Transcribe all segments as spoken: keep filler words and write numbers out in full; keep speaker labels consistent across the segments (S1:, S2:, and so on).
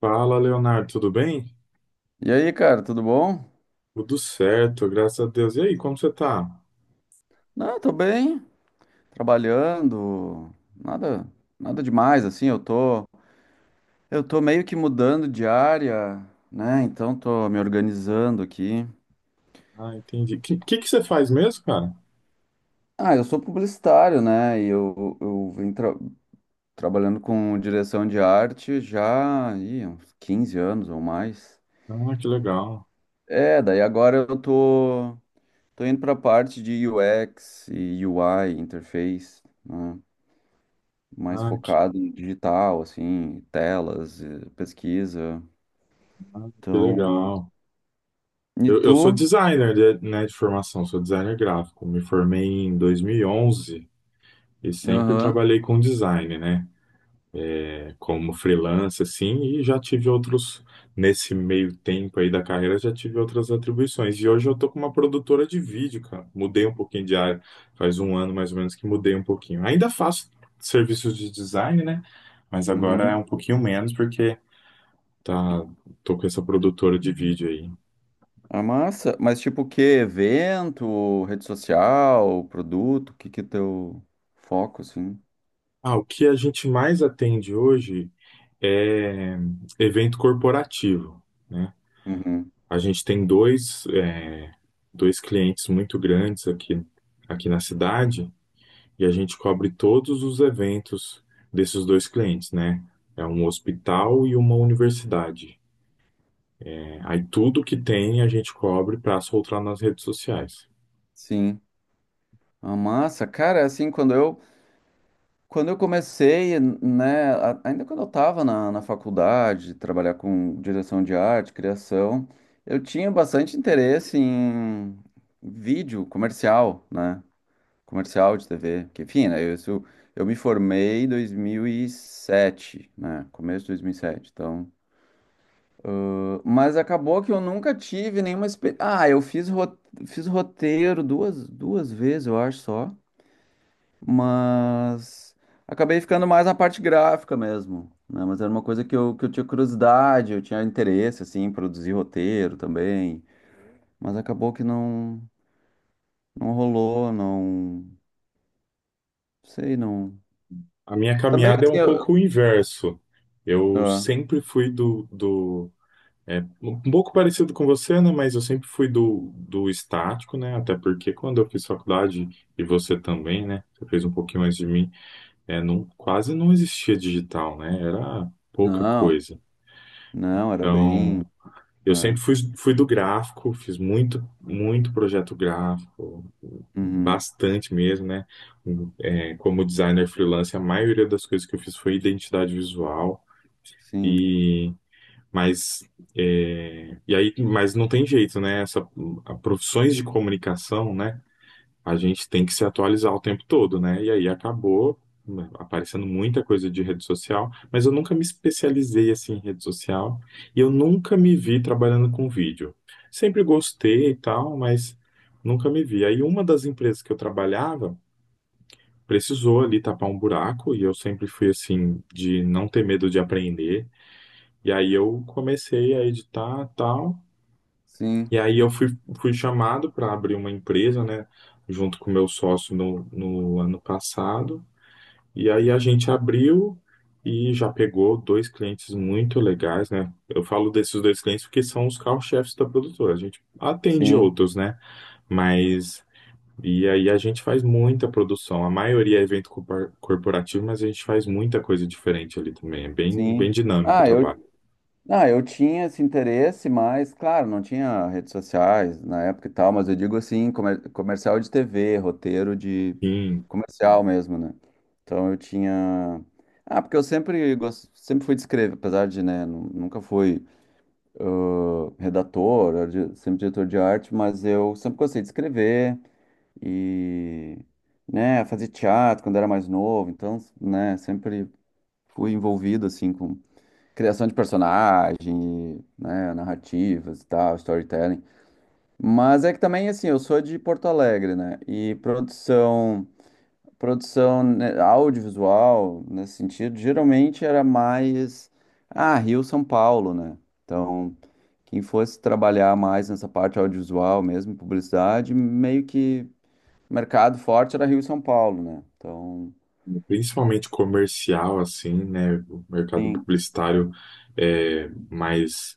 S1: Fala, Leonardo, tudo bem?
S2: E aí, cara, tudo bom?
S1: Tudo certo, graças a Deus. E aí, como você tá?
S2: Não, tô bem, trabalhando, nada, nada demais, assim, eu tô, eu tô meio que mudando de área, né? Então tô me organizando aqui.
S1: Ah, entendi. O que, que, que você faz mesmo, cara?
S2: Ah, eu sou publicitário, né? E eu, eu venho tra- trabalhando com direção de arte já, ih, uns quinze anos ou mais.
S1: Ah, que legal.
S2: É, daí agora eu tô, tô indo pra parte de U X e U I, interface, né? Mais
S1: Ah, que,
S2: focado em digital, assim, telas, eh, pesquisa.
S1: ah, que
S2: Então,
S1: legal.
S2: e
S1: Eu, eu sou
S2: tu?
S1: designer, de- né, de formação, sou designer gráfico. Me formei em dois mil e onze e sempre
S2: Aham.
S1: trabalhei com design, né? Como freelancer, assim, e já tive outros, nesse meio tempo aí da carreira, já tive outras atribuições. E hoje eu tô com uma produtora de vídeo, cara. Mudei um pouquinho de área, faz um ano mais ou menos que mudei um pouquinho. Ainda faço serviços de design, né? Mas agora é
S2: Uhum.
S1: um pouquinho menos, porque tá, tô com essa produtora de vídeo aí.
S2: A massa, mas tipo o que? Evento, rede social, produto, o que que é teu foco, assim?
S1: Ah, o que a gente mais atende hoje é evento corporativo. Né?
S2: Uhum.
S1: A gente tem dois, é, dois clientes muito grandes aqui, aqui na cidade, e a gente cobre todos os eventos desses dois clientes, né? É um hospital e uma universidade. É, aí tudo que tem a gente cobre para soltar nas redes sociais.
S2: Sim. A massa, cara, assim, quando eu Quando eu comecei, né, a- ainda quando eu estava na, na faculdade, trabalhar com direção de arte, criação, eu tinha bastante interesse em vídeo comercial, né, comercial de tê vê, que enfim, né, eu, isso- eu me formei em dois mil e sete, né, começo de dois mil e sete, então... Mas acabou que eu nunca tive nenhuma experiência... Ah, eu fiz, ro- fiz roteiro duas, duas vezes, eu acho só, mas acabei ficando mais na parte gráfica mesmo, né? Mas era uma coisa que eu, que eu tinha curiosidade, eu tinha interesse, assim, em produzir roteiro também. Mas acabou que não, não rolou, não. Sei, não.
S1: A minha
S2: Também,
S1: caminhada é um
S2: assim, eu.
S1: pouco o inverso. Eu
S2: Ah,
S1: sempre fui do, do É um pouco parecido com você, né? Mas eu sempre fui do, do estático, né? Até porque quando eu fiz faculdade, e você também, né? Você fez um pouquinho mais de mim, é, não, quase não existia digital, né? Era pouca
S2: não,
S1: coisa.
S2: não, era bem.
S1: Então, eu sempre
S2: Né?
S1: fui, fui do gráfico, fiz muito, muito projeto gráfico,
S2: Uhum,
S1: bastante mesmo, né? É, como designer freelance, a maioria das coisas que eu fiz foi identidade visual.
S2: sim,
S1: Mas, é, e aí, mas não tem jeito, né? Essa, a- profissões de comunicação, né? A gente tem que se atualizar o tempo todo, né? E aí acabou, né, aparecendo muita coisa de rede social, mas eu nunca me especializei assim em rede social e eu nunca me vi trabalhando com vídeo. Sempre gostei e tal, mas nunca me vi. Aí uma das empresas que eu trabalhava precisou ali tapar um buraco, e eu sempre fui assim de não ter medo de aprender. E aí eu comecei a editar tal.
S2: sim,
S1: E aí eu fui, fui chamado para abrir uma empresa, né? Junto com o meu sócio no, no ano passado. E aí a gente abriu e já pegou dois clientes muito legais, né? Eu falo desses dois clientes porque são os carro-chefes da produtora. A gente atende
S2: sim,
S1: outros, né? Mas. E aí a gente faz muita produção. A maioria é evento corpor- corporativo, mas a gente faz muita coisa diferente ali também. É bem, bem
S2: sim.
S1: dinâmico o
S2: Ah,
S1: trabalho.
S2: eu Ah, eu tinha esse interesse, mas, claro, não tinha redes sociais na época e tal, mas eu digo assim, comer- comercial de tê vê, roteiro de
S1: Sim,
S2: comercial mesmo, né? Então eu tinha. Ah, porque eu sempre, gos- sempre fui de escrever, apesar de, né, nu- nunca fui redator, era di- sempre diretor de arte, mas eu sempre gostei de escrever e, né, fazer teatro quando era mais novo, então, né, sempre fui envolvido, assim, com criação de personagem, né, narrativas e tal, storytelling. Mas é que também, assim, eu sou de Porto Alegre, né? E produção, produção né, audiovisual, nesse sentido, geralmente era mais, ah, Rio, São Paulo, né? Então, quem fosse trabalhar mais nessa parte audiovisual mesmo, publicidade, meio que mercado forte era Rio e São Paulo, né? Então,
S1: principalmente comercial, assim, né? O mercado
S2: sim,
S1: publicitário é, mais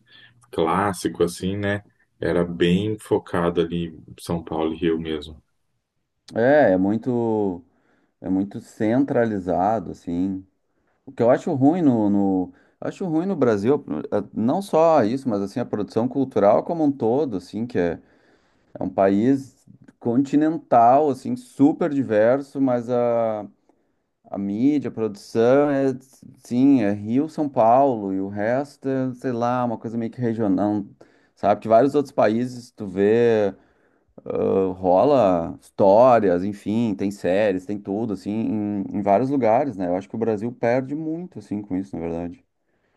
S1: clássico, assim, né? Era bem focado ali em São Paulo e Rio mesmo.
S2: é, é muito, é muito centralizado, assim. O que eu acho ruim no, no- acho ruim no Brasil, eh, não só isso, mas assim a produção cultural como um todo, assim, que é, é um país continental, assim, super diverso, mas a, a mídia, a produção é, sim, é Rio, São Paulo e o resto é, sei lá, uma coisa meio que regional, sabe? Que vários outros países tu vê, ah, rola histórias, enfim, tem séries, tem tudo, assim, em, em vários lugares, né? Eu acho que o Brasil perde muito, assim, com isso, na verdade.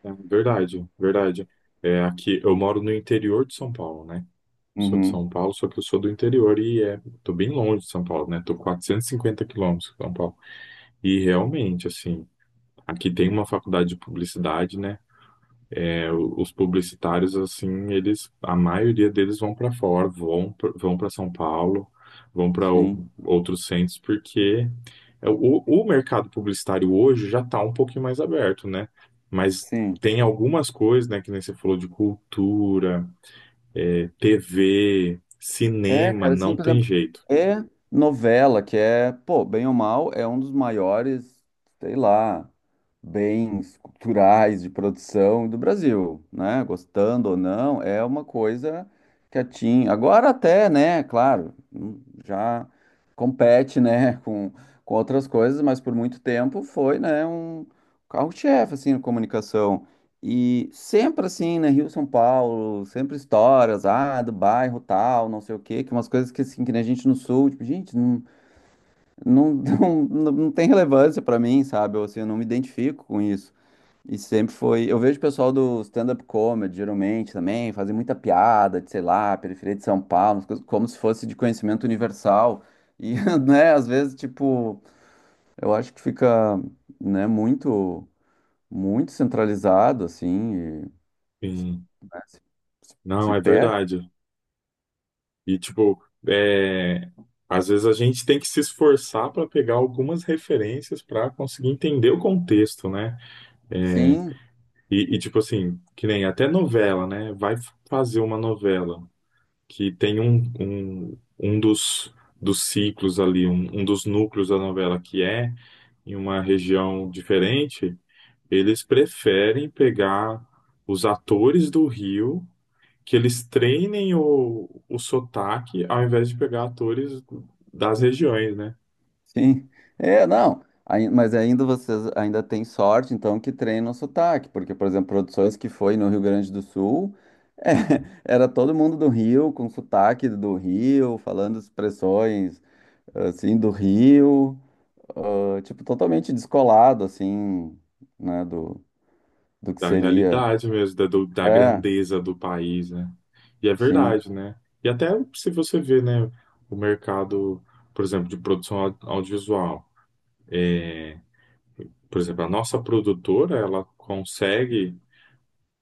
S1: É, verdade, verdade. É, aqui, eu moro no interior de São Paulo, né? Sou de
S2: Uhum,
S1: São Paulo, só que eu sou do interior e é, tô bem longe de São Paulo, né? Tô quatrocentos e cinquenta quilômetros de São Paulo. E realmente, assim, aqui tem uma faculdade de publicidade, né? É, o- os publicitários, assim, eles, a maioria deles vão para fora, vão, pra- vão para São Paulo, vão para
S2: sim,
S1: outros centros, porque é o, o mercado publicitário hoje já está um pouquinho mais aberto, né? Mas
S2: sim.
S1: tem algumas coisas, né, que nem você falou de cultura, é, tê vê,
S2: É,
S1: cinema,
S2: cara,
S1: não
S2: sim, por
S1: tem
S2: exemplo,
S1: jeito.
S2: é novela, que é, pô, bem ou mal, é um dos maiores, sei lá, bens culturais de produção do Brasil, né? Gostando ou não, é uma coisa que atinge. Agora até, né, claro, hum, já compete, né, com, com outras coisas, mas por muito tempo foi, né, um carro-chefe, assim, na comunicação. E sempre assim, né? Rio, São Paulo, sempre histórias, ah, do bairro tal, não sei o quê, que umas coisas que assim, que nem a gente no sul, tipo, gente, não, não, não, não não tem relevância pra mim, sabe? Eu, assim, eu não me identifico com isso. E sempre foi. Eu vejo o pessoal do stand-up comedy, geralmente também, fazer muita piada de, sei lá, periferia de São Paulo, umas coisas como se fosse de conhecimento universal. E, né, às vezes, tipo, eu acho que fica, né, muito, muito centralizado, assim. Se,
S1: Sim.
S2: né, se- se-
S1: Não,
S2: se
S1: é
S2: perde?
S1: verdade. E, tipo, é, às vezes a gente tem que se esforçar para pegar algumas referências para conseguir entender o contexto, né?
S2: Sim,
S1: E, e, tipo assim, que nem até novela, né? Vai fazer uma novela que tem um, um, um dos, dos ciclos ali, um, um dos núcleos da novela que é em uma região diferente, eles preferem pegar os atores do Rio que eles treinem o, o sotaque, ao invés de pegar atores das regiões, né?
S2: sim. É, não. Aí- mas ainda vocês ainda têm sorte, então, que treinam o sotaque, porque, por exemplo, produções que foi no Rio Grande do Sul, é, era todo mundo do Rio, com sotaque do Rio, falando expressões, assim, do Rio, ah, tipo, totalmente descolado, assim, né, do, do que
S1: Da
S2: seria.
S1: realidade mesmo, da, do- da
S2: É,
S1: grandeza do país, né? E é
S2: sim,
S1: verdade, né? E até se você vê, né, o mercado, por exemplo, de produção au- audiovisual. Por exemplo, a nossa produtora, ela consegue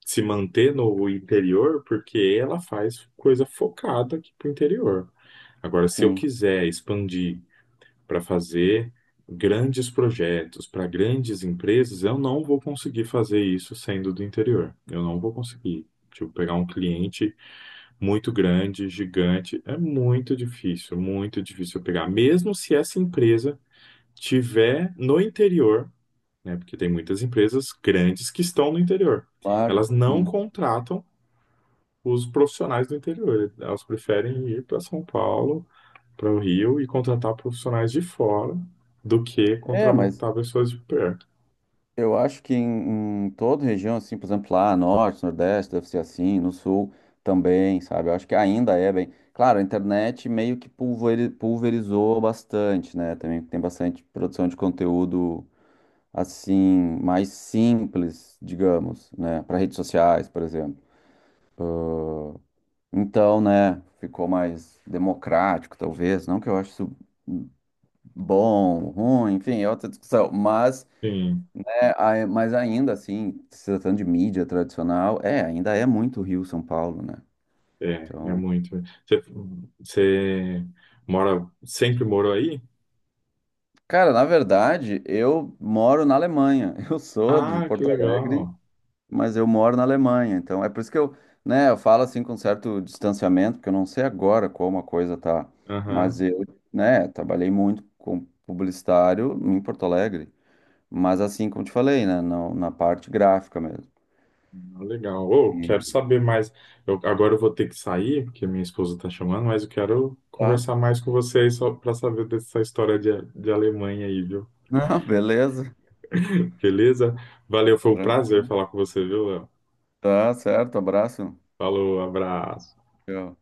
S1: se manter no interior porque ela faz coisa focada aqui pro interior. Agora, se eu
S2: sim,
S1: quiser expandir para fazer grandes projetos para grandes empresas, eu não vou conseguir fazer isso sendo do interior. Eu não vou conseguir. Tipo, pegar um cliente muito grande, gigante, é muito difícil, muito difícil pegar. Mesmo se essa empresa tiver no interior, né? Porque tem muitas empresas grandes que estão no interior. Elas
S2: claro,
S1: não
S2: sim.
S1: contratam os profissionais do interior. Elas preferem ir para São Paulo, para o Rio e contratar profissionais de fora, do que
S2: É, mas
S1: contratar pessoas de perto.
S2: eu acho que em, em toda região, assim, por exemplo, lá, norte, nordeste, deve ser assim, no sul também, sabe? Eu acho que ainda é bem. Claro, a internet meio que pulveri- pulverizou bastante, né? Também tem bastante produção de conteúdo, assim, mais simples, digamos, né? Para redes sociais, por exemplo. Então, né, ficou mais democrático, talvez. Não que eu ache isso bom, ruim, enfim, é outra discussão, mas.
S1: Sim,
S2: É, ai- mas ainda assim, se tratando de mídia tradicional, é, ainda é muito Rio, São Paulo, né?
S1: é, é
S2: Então,
S1: muito. Você, você mora, sempre morou aí?
S2: cara, na verdade, eu moro na Alemanha. Eu sou de
S1: Ah, que
S2: Porto Alegre,
S1: legal.
S2: mas eu moro na Alemanha. Então, é por isso que eu, né, eu falo assim com certo distanciamento, porque eu não sei agora como a coisa tá, mas
S1: Aham,
S2: eu, né, trabalhei muito com publicitário em Porto Alegre, mas assim como te falei, né, na, na parte gráfica mesmo.
S1: legal. Ô, quero
S2: E-
S1: saber mais. Eu- agora eu vou ter que sair, porque minha esposa está chamando, mas eu quero
S2: Tá?
S1: conversar mais com vocês só para saber dessa história de, de Alemanha aí, viu?
S2: Não, beleza.
S1: Beleza? Valeu, foi um prazer
S2: Tranquilo.
S1: falar com você, viu, Léo?
S2: Tá certo, abraço.
S1: Falou, abraço.
S2: Tchau.